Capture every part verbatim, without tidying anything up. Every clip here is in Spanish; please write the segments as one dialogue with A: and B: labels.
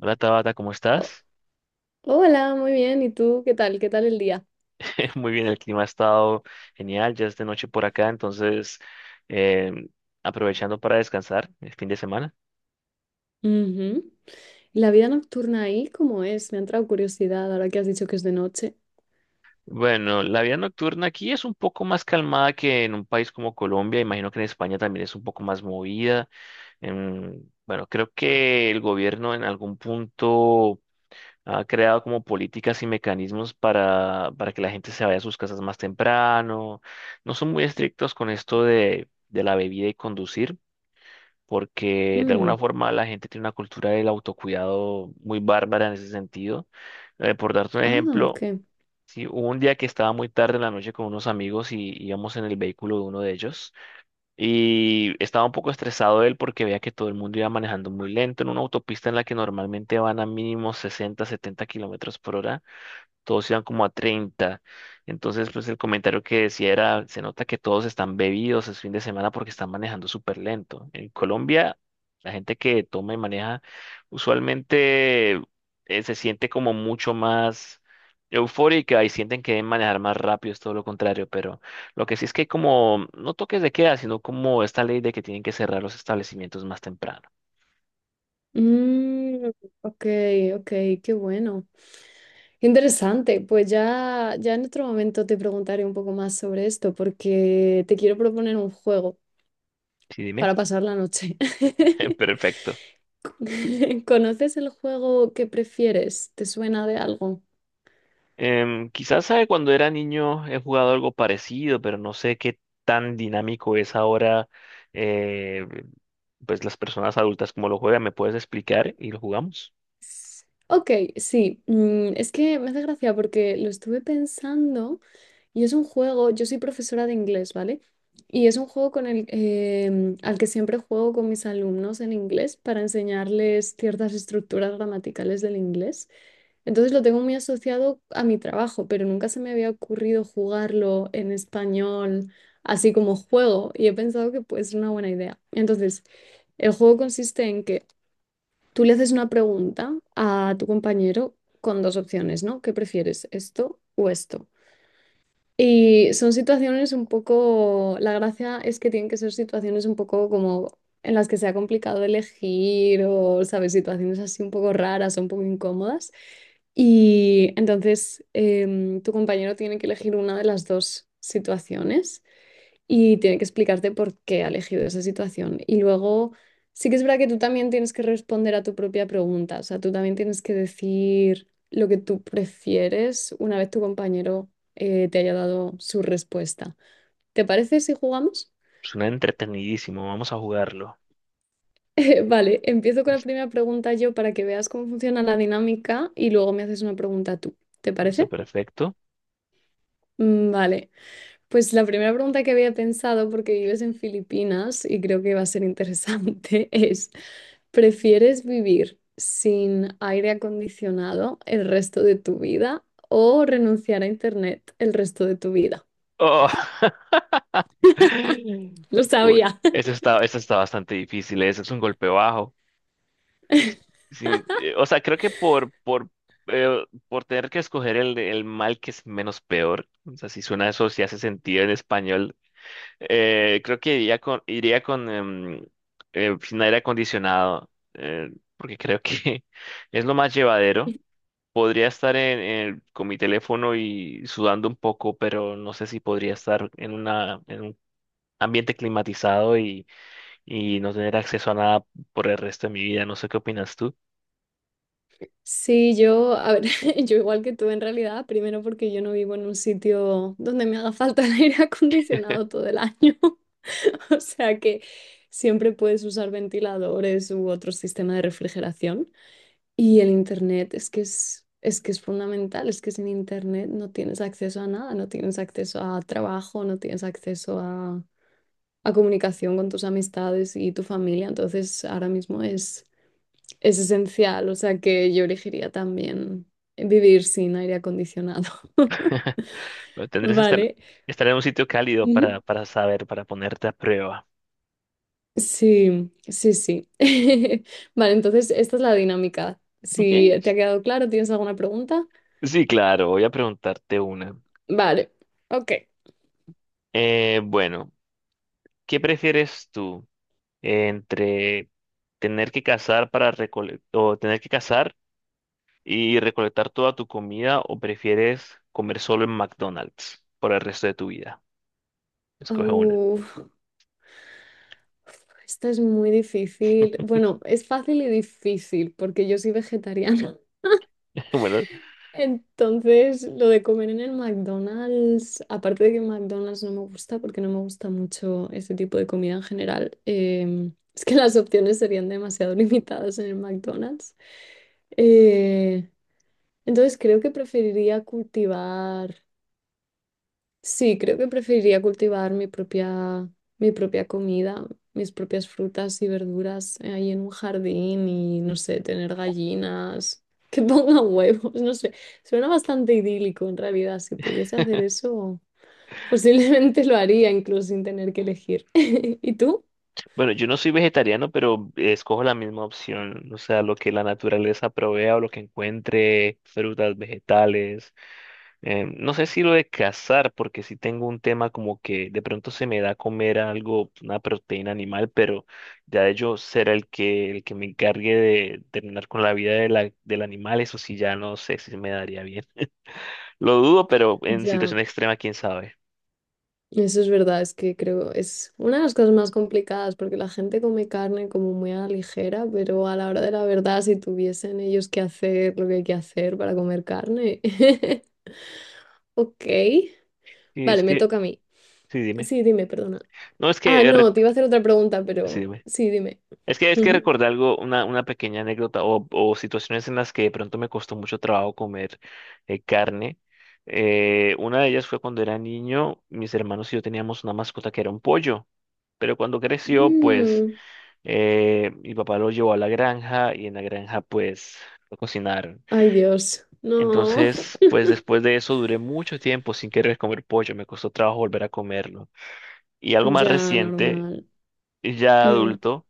A: Hola Tabata, ¿cómo
B: Oh,
A: estás?
B: hola, muy bien. ¿Y tú qué tal? ¿Qué tal el día?
A: Muy bien, el clima ha estado genial, ya es de noche por acá, entonces eh, aprovechando para descansar el fin de semana.
B: Ujú. ¿La vida nocturna ahí cómo es? Me ha entrado curiosidad ahora que has dicho que es de noche.
A: Bueno, la vida nocturna aquí es un poco más calmada que en un país como Colombia, imagino que en España también es un poco más movida. Em, bueno, creo que el gobierno en algún punto ha creado como políticas y mecanismos para, para que la gente se vaya a sus casas más temprano. No son muy estrictos con esto de, de la bebida y conducir, porque de
B: Mm,
A: alguna forma la gente tiene una cultura del autocuidado muy bárbara en ese sentido. Eh, por darte un
B: Ah,
A: ejemplo,
B: ok.
A: si hubo un día que estaba muy tarde en la noche con unos amigos y íbamos en el vehículo de uno de ellos y estaba un poco estresado él porque veía que todo el mundo iba manejando muy lento en una autopista en la que normalmente van a mínimo sesenta, setenta kilómetros por hora, todos iban como a treinta. Entonces, pues el comentario que decía era: se nota que todos están bebidos, es fin de semana, porque están manejando súper lento. En Colombia, la gente que toma y maneja usualmente eh, se siente como mucho más eufórica y sienten que deben manejar más rápido, es todo lo contrario, pero lo que sí es que hay como, no toques de queda, sino como esta ley de que tienen que cerrar los establecimientos más temprano.
B: Mm, ok, ok, qué bueno. Qué interesante. Pues ya, ya en otro momento te preguntaré un poco más sobre esto porque te quiero proponer un juego
A: Sí, dime.
B: para pasar la noche.
A: Perfecto.
B: ¿Conoces el juego que prefieres? ¿Te suena de algo?
A: Em, quizás sabe cuando era niño he jugado algo parecido, pero no sé qué tan dinámico es ahora, eh, pues las personas adultas como lo juegan. ¿Me puedes explicar y lo jugamos?
B: Ok, sí, mm, es que me hace gracia porque lo estuve pensando y es un juego, yo soy profesora de inglés, ¿vale? Y es un juego con el, em, al que siempre juego con mis alumnos en inglés para enseñarles ciertas estructuras gramaticales del inglés. Entonces lo tengo muy asociado a mi trabajo, pero nunca se me había ocurrido jugarlo en español así como juego y he pensado que puede ser una buena idea. Entonces, el juego consiste en que tú le haces una pregunta a tu compañero con dos opciones, ¿no? ¿Qué prefieres, esto o esto? Y son situaciones un poco, la gracia es que tienen que ser situaciones un poco como en las que sea complicado elegir o, ¿sabes? Situaciones así un poco raras o un poco incómodas. Y entonces em, tu compañero tiene que elegir una de las dos situaciones y tiene que explicarte por qué ha elegido esa situación. Y luego, sí que es verdad que tú también tienes que responder a tu propia pregunta, o sea, tú también tienes que decir lo que tú prefieres una vez tu compañero eh, te haya dado su respuesta. ¿Te parece si jugamos?
A: Suena entretenidísimo, vamos a jugarlo.
B: Eh, vale, empiezo con la
A: Listo,
B: primera pregunta yo para que veas cómo funciona la dinámica y luego me haces una pregunta tú. ¿Te
A: listo,
B: parece?
A: perfecto.
B: Mm, Vale, pues la primera pregunta que había pensado, porque vives en Filipinas y creo que va a ser interesante, es, ¿prefieres vivir sin aire acondicionado el resto de tu vida o renunciar a internet el resto de tu vida?
A: Oh.
B: Lo
A: Uy,
B: sabía.
A: eso está, eso está bastante difícil, ese es un golpe bajo. Sí, eh, o sea, creo que por, por, eh, por tener que escoger el, el mal que es menos peor, o sea, si suena eso, si hace sentido en español. Eh, creo que iría con, iría con em, eh, sin aire acondicionado, eh, porque creo que es lo más llevadero. Podría estar en, en- con mi teléfono y sudando un poco, pero no sé si podría estar en una, en un ambiente climatizado y, y no tener acceso a nada por el resto de mi vida. No sé qué opinas tú.
B: Sí, yo, a ver, yo igual que tú en realidad, primero porque yo no vivo en un sitio donde me haga falta el aire acondicionado todo el año, o sea que siempre puedes usar ventiladores u otro sistema de refrigeración. Y el internet es que es, es que es fundamental, es que sin internet no tienes acceso a nada, no tienes acceso a trabajo, no tienes acceso a, a comunicación con tus amistades y tu familia. Entonces ahora mismo es, es esencial, o sea que yo elegiría también vivir sin aire acondicionado.
A: Pero tendrías que estar,
B: Vale.
A: estar en un sitio cálido
B: Ujú.
A: para, para saber, para ponerte a prueba.
B: Sí, sí, sí. Vale, entonces esta es la dinámica.
A: ¿Ok?
B: Si te ha quedado claro, ¿tienes alguna pregunta?
A: Sí, claro, voy a preguntarte una.
B: Vale, ok.
A: Eh, bueno. ¿Qué prefieres tú entre tener que cazar para recolectar o tener que cazar y recolectar toda tu comida, o prefieres comer solo en McDonald's por el resto de tu vida? Escoge una.
B: Uh, esto es muy difícil. Bueno, es fácil y difícil porque yo soy vegetariana.
A: Bueno,
B: Entonces, lo de comer en el McDonald's, aparte de que McDonald's no me gusta porque no me gusta mucho ese tipo de comida en general, em, es que las opciones serían demasiado limitadas en el McDonald's. Eh, entonces, creo que preferiría cultivar. Sí, creo que preferiría cultivar mi propia, mi propia comida, mis propias frutas y verduras eh, ahí en un jardín y, no sé, tener gallinas que pongan huevos, no sé. Suena bastante idílico en realidad. Si pudiese hacer eso, posiblemente lo haría incluso sin tener que elegir. ¿Y tú?
A: bueno, yo no soy vegetariano, pero escojo la misma opción, o sea, lo que la naturaleza provea o lo que encuentre, frutas, vegetales. Eh, no sé si lo de cazar, porque sí tengo un tema como que de pronto se me da comer algo, una proteína animal, pero ya de yo ser el que, el que me encargue de terminar con la vida de la, del animal, eso sí ya no sé si me daría bien. Lo dudo, pero en
B: Ya.
A: situación extrema, quién sabe.
B: Eso es verdad, es que creo es una de las cosas más complicadas porque la gente come carne como muy a la ligera, pero a la hora de la verdad, si tuviesen ellos que hacer lo que hay que hacer para comer carne. Ok,
A: Sí es
B: vale, me
A: que,
B: toca a mí.
A: sí, dime.
B: Sí, dime, perdona.
A: No, es
B: Ah,
A: que, eh, re-
B: no, te iba a hacer otra pregunta,
A: sí,
B: pero
A: dime.
B: sí, dime.
A: Es que es que
B: Ujú.
A: recordé algo, una, una pequeña anécdota o, o situaciones en las que de pronto me costó mucho trabajo comer eh, carne. Eh, una de ellas fue cuando era niño, mis hermanos y yo teníamos una mascota que era un pollo, pero cuando creció, pues
B: Mm,
A: eh, mi papá lo llevó a la granja y en la granja pues lo cocinaron.
B: ay, Dios, no.
A: Entonces, pues después de eso duré mucho tiempo sin querer comer pollo, me costó trabajo volver a comerlo. Y algo más
B: Ya,
A: reciente,
B: normal.
A: ya
B: Mm.
A: adulto.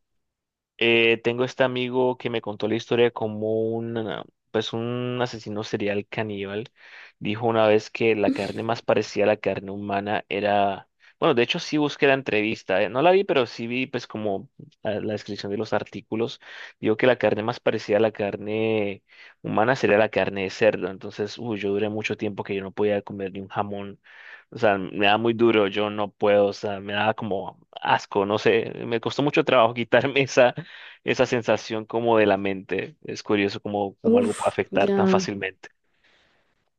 A: Eh, tengo este amigo que me contó la historia de cómo un, pues un asesino serial caníbal dijo una vez que la carne más parecida a la carne humana era, bueno, de hecho sí busqué la entrevista, eh, no la vi, pero sí vi pues como la, la descripción de los artículos. Dijo que la carne más parecida a la carne humana sería la carne de cerdo. Entonces, uy, yo duré mucho tiempo que yo no podía comer ni un jamón. O sea, me da muy duro, yo no puedo, o sea, me da como asco, no sé, me costó mucho trabajo quitarme esa, esa sensación como de la mente. Es curioso cómo, cómo algo puede
B: Uf,
A: afectar
B: ya.
A: tan fácilmente.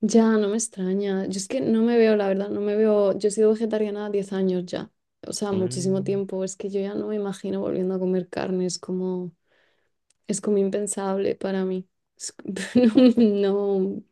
B: Ya, no me extraña. Yo es que no me veo, la verdad, no me veo. Yo he sido vegetariana diez años ya. O sea, muchísimo
A: Mm.
B: tiempo. Es que yo ya no me imagino volviendo a comer carne. Es como, es como impensable para mí. Es c- no, no,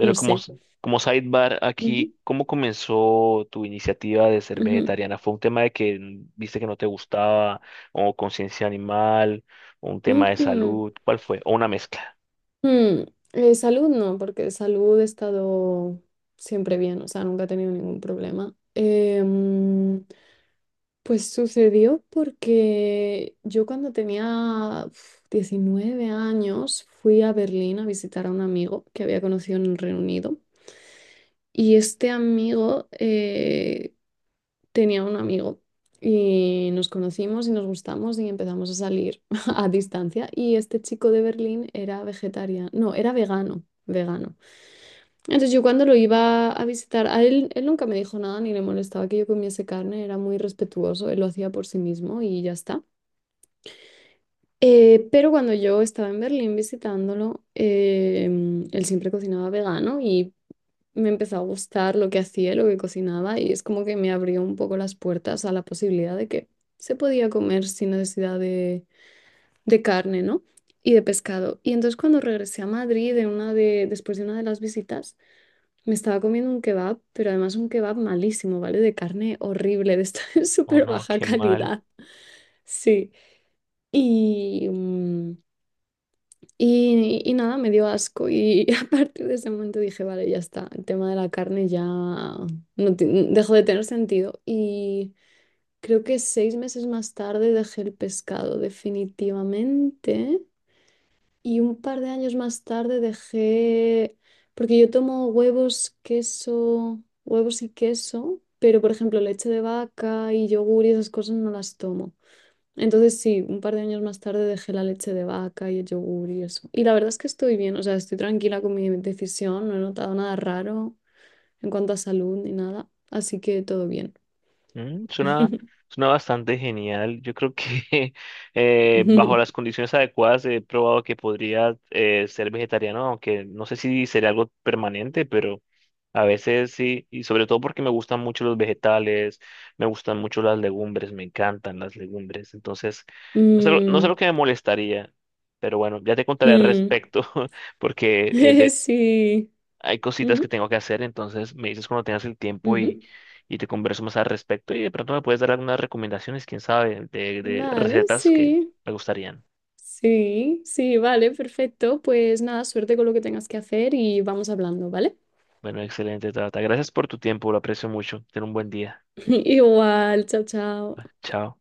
B: no
A: como,
B: sé.
A: s- como sidebar
B: Ujú,
A: aquí, ¿cómo comenzó tu iniciativa de ser
B: ujú,
A: vegetariana? ¿Fue un tema de que mm, viste que no te gustaba, o conciencia animal, o un tema de
B: ujú.
A: salud? ¿Cuál fue? ¿O una mezcla?
B: Mm, eh, salud no, porque de salud he estado siempre bien. O sea, nunca he tenido ningún problema. Em, Pues sucedió porque yo cuando tenía uf, diecinueve años fui a Berlín a visitar a un amigo que había conocido en el Reino Unido y este amigo eh, tenía un amigo y nos conocimos y nos gustamos y empezamos a salir a distancia y este chico de Berlín era vegetariano, no, era vegano, vegano. Entonces yo cuando lo iba a visitar, a él, él nunca me dijo nada ni le molestaba que yo comiese carne, era muy respetuoso, él lo hacía por sí mismo y ya está. Eh, pero cuando yo estaba en Berlín visitándolo, eh, él siempre cocinaba vegano y me empezó a gustar lo que hacía, lo que cocinaba y es como que me abrió un poco las puertas a la posibilidad de que se podía comer sin necesidad de, de carne, ¿no? Y de pescado. Y entonces cuando regresé a Madrid de una de, después de una de las visitas, me estaba comiendo un kebab, pero además un kebab malísimo, ¿vale? De carne horrible, de esta
A: Oh
B: súper
A: no,
B: baja
A: qué mal.
B: calidad. Sí. Y... mm, Y, y nada, me dio asco y a partir de ese momento dije, vale, ya está, el tema de la carne ya no ti- dejó de tener sentido. Y creo que seis meses más tarde dejé el pescado definitivamente y un par de años más tarde dejé, porque yo tomo huevos, queso, huevos y queso, pero por ejemplo leche de vaca y yogur y esas cosas no las tomo. Entonces sí, un par de años más tarde dejé la leche de vaca y el yogur y eso. Y la verdad es que estoy bien, o sea, estoy tranquila con mi decisión, no he notado nada raro en cuanto a salud ni nada, así que todo bien.
A: Mm, suena, suena bastante genial. Yo creo que eh, bajo las condiciones adecuadas he probado que podría eh, ser vegetariano, aunque no sé si sería algo permanente, pero a veces sí, y sobre todo porque me gustan mucho los vegetales, me gustan mucho las legumbres, me encantan las legumbres. Entonces, no sé, lo- no sé lo
B: Mm,
A: que me molestaría, pero bueno, ya te contaré al
B: mm.
A: respecto, porque eh,
B: Sí.
A: hay cositas que
B: Ujú,
A: tengo que hacer, entonces me dices cuando tengas el tiempo y,
B: ujú.
A: y te converso más al respecto y de pronto me puedes dar algunas recomendaciones, quién sabe, de, de
B: Vale,
A: recetas que
B: sí.
A: me gustarían.
B: Sí, sí, vale, perfecto. Pues nada, suerte con lo que tengas que hacer y vamos hablando, ¿vale?
A: Bueno, excelente, Tata. Gracias por tu tiempo, lo aprecio mucho. Ten un buen día.
B: Igual, chao, chao.
A: Chao.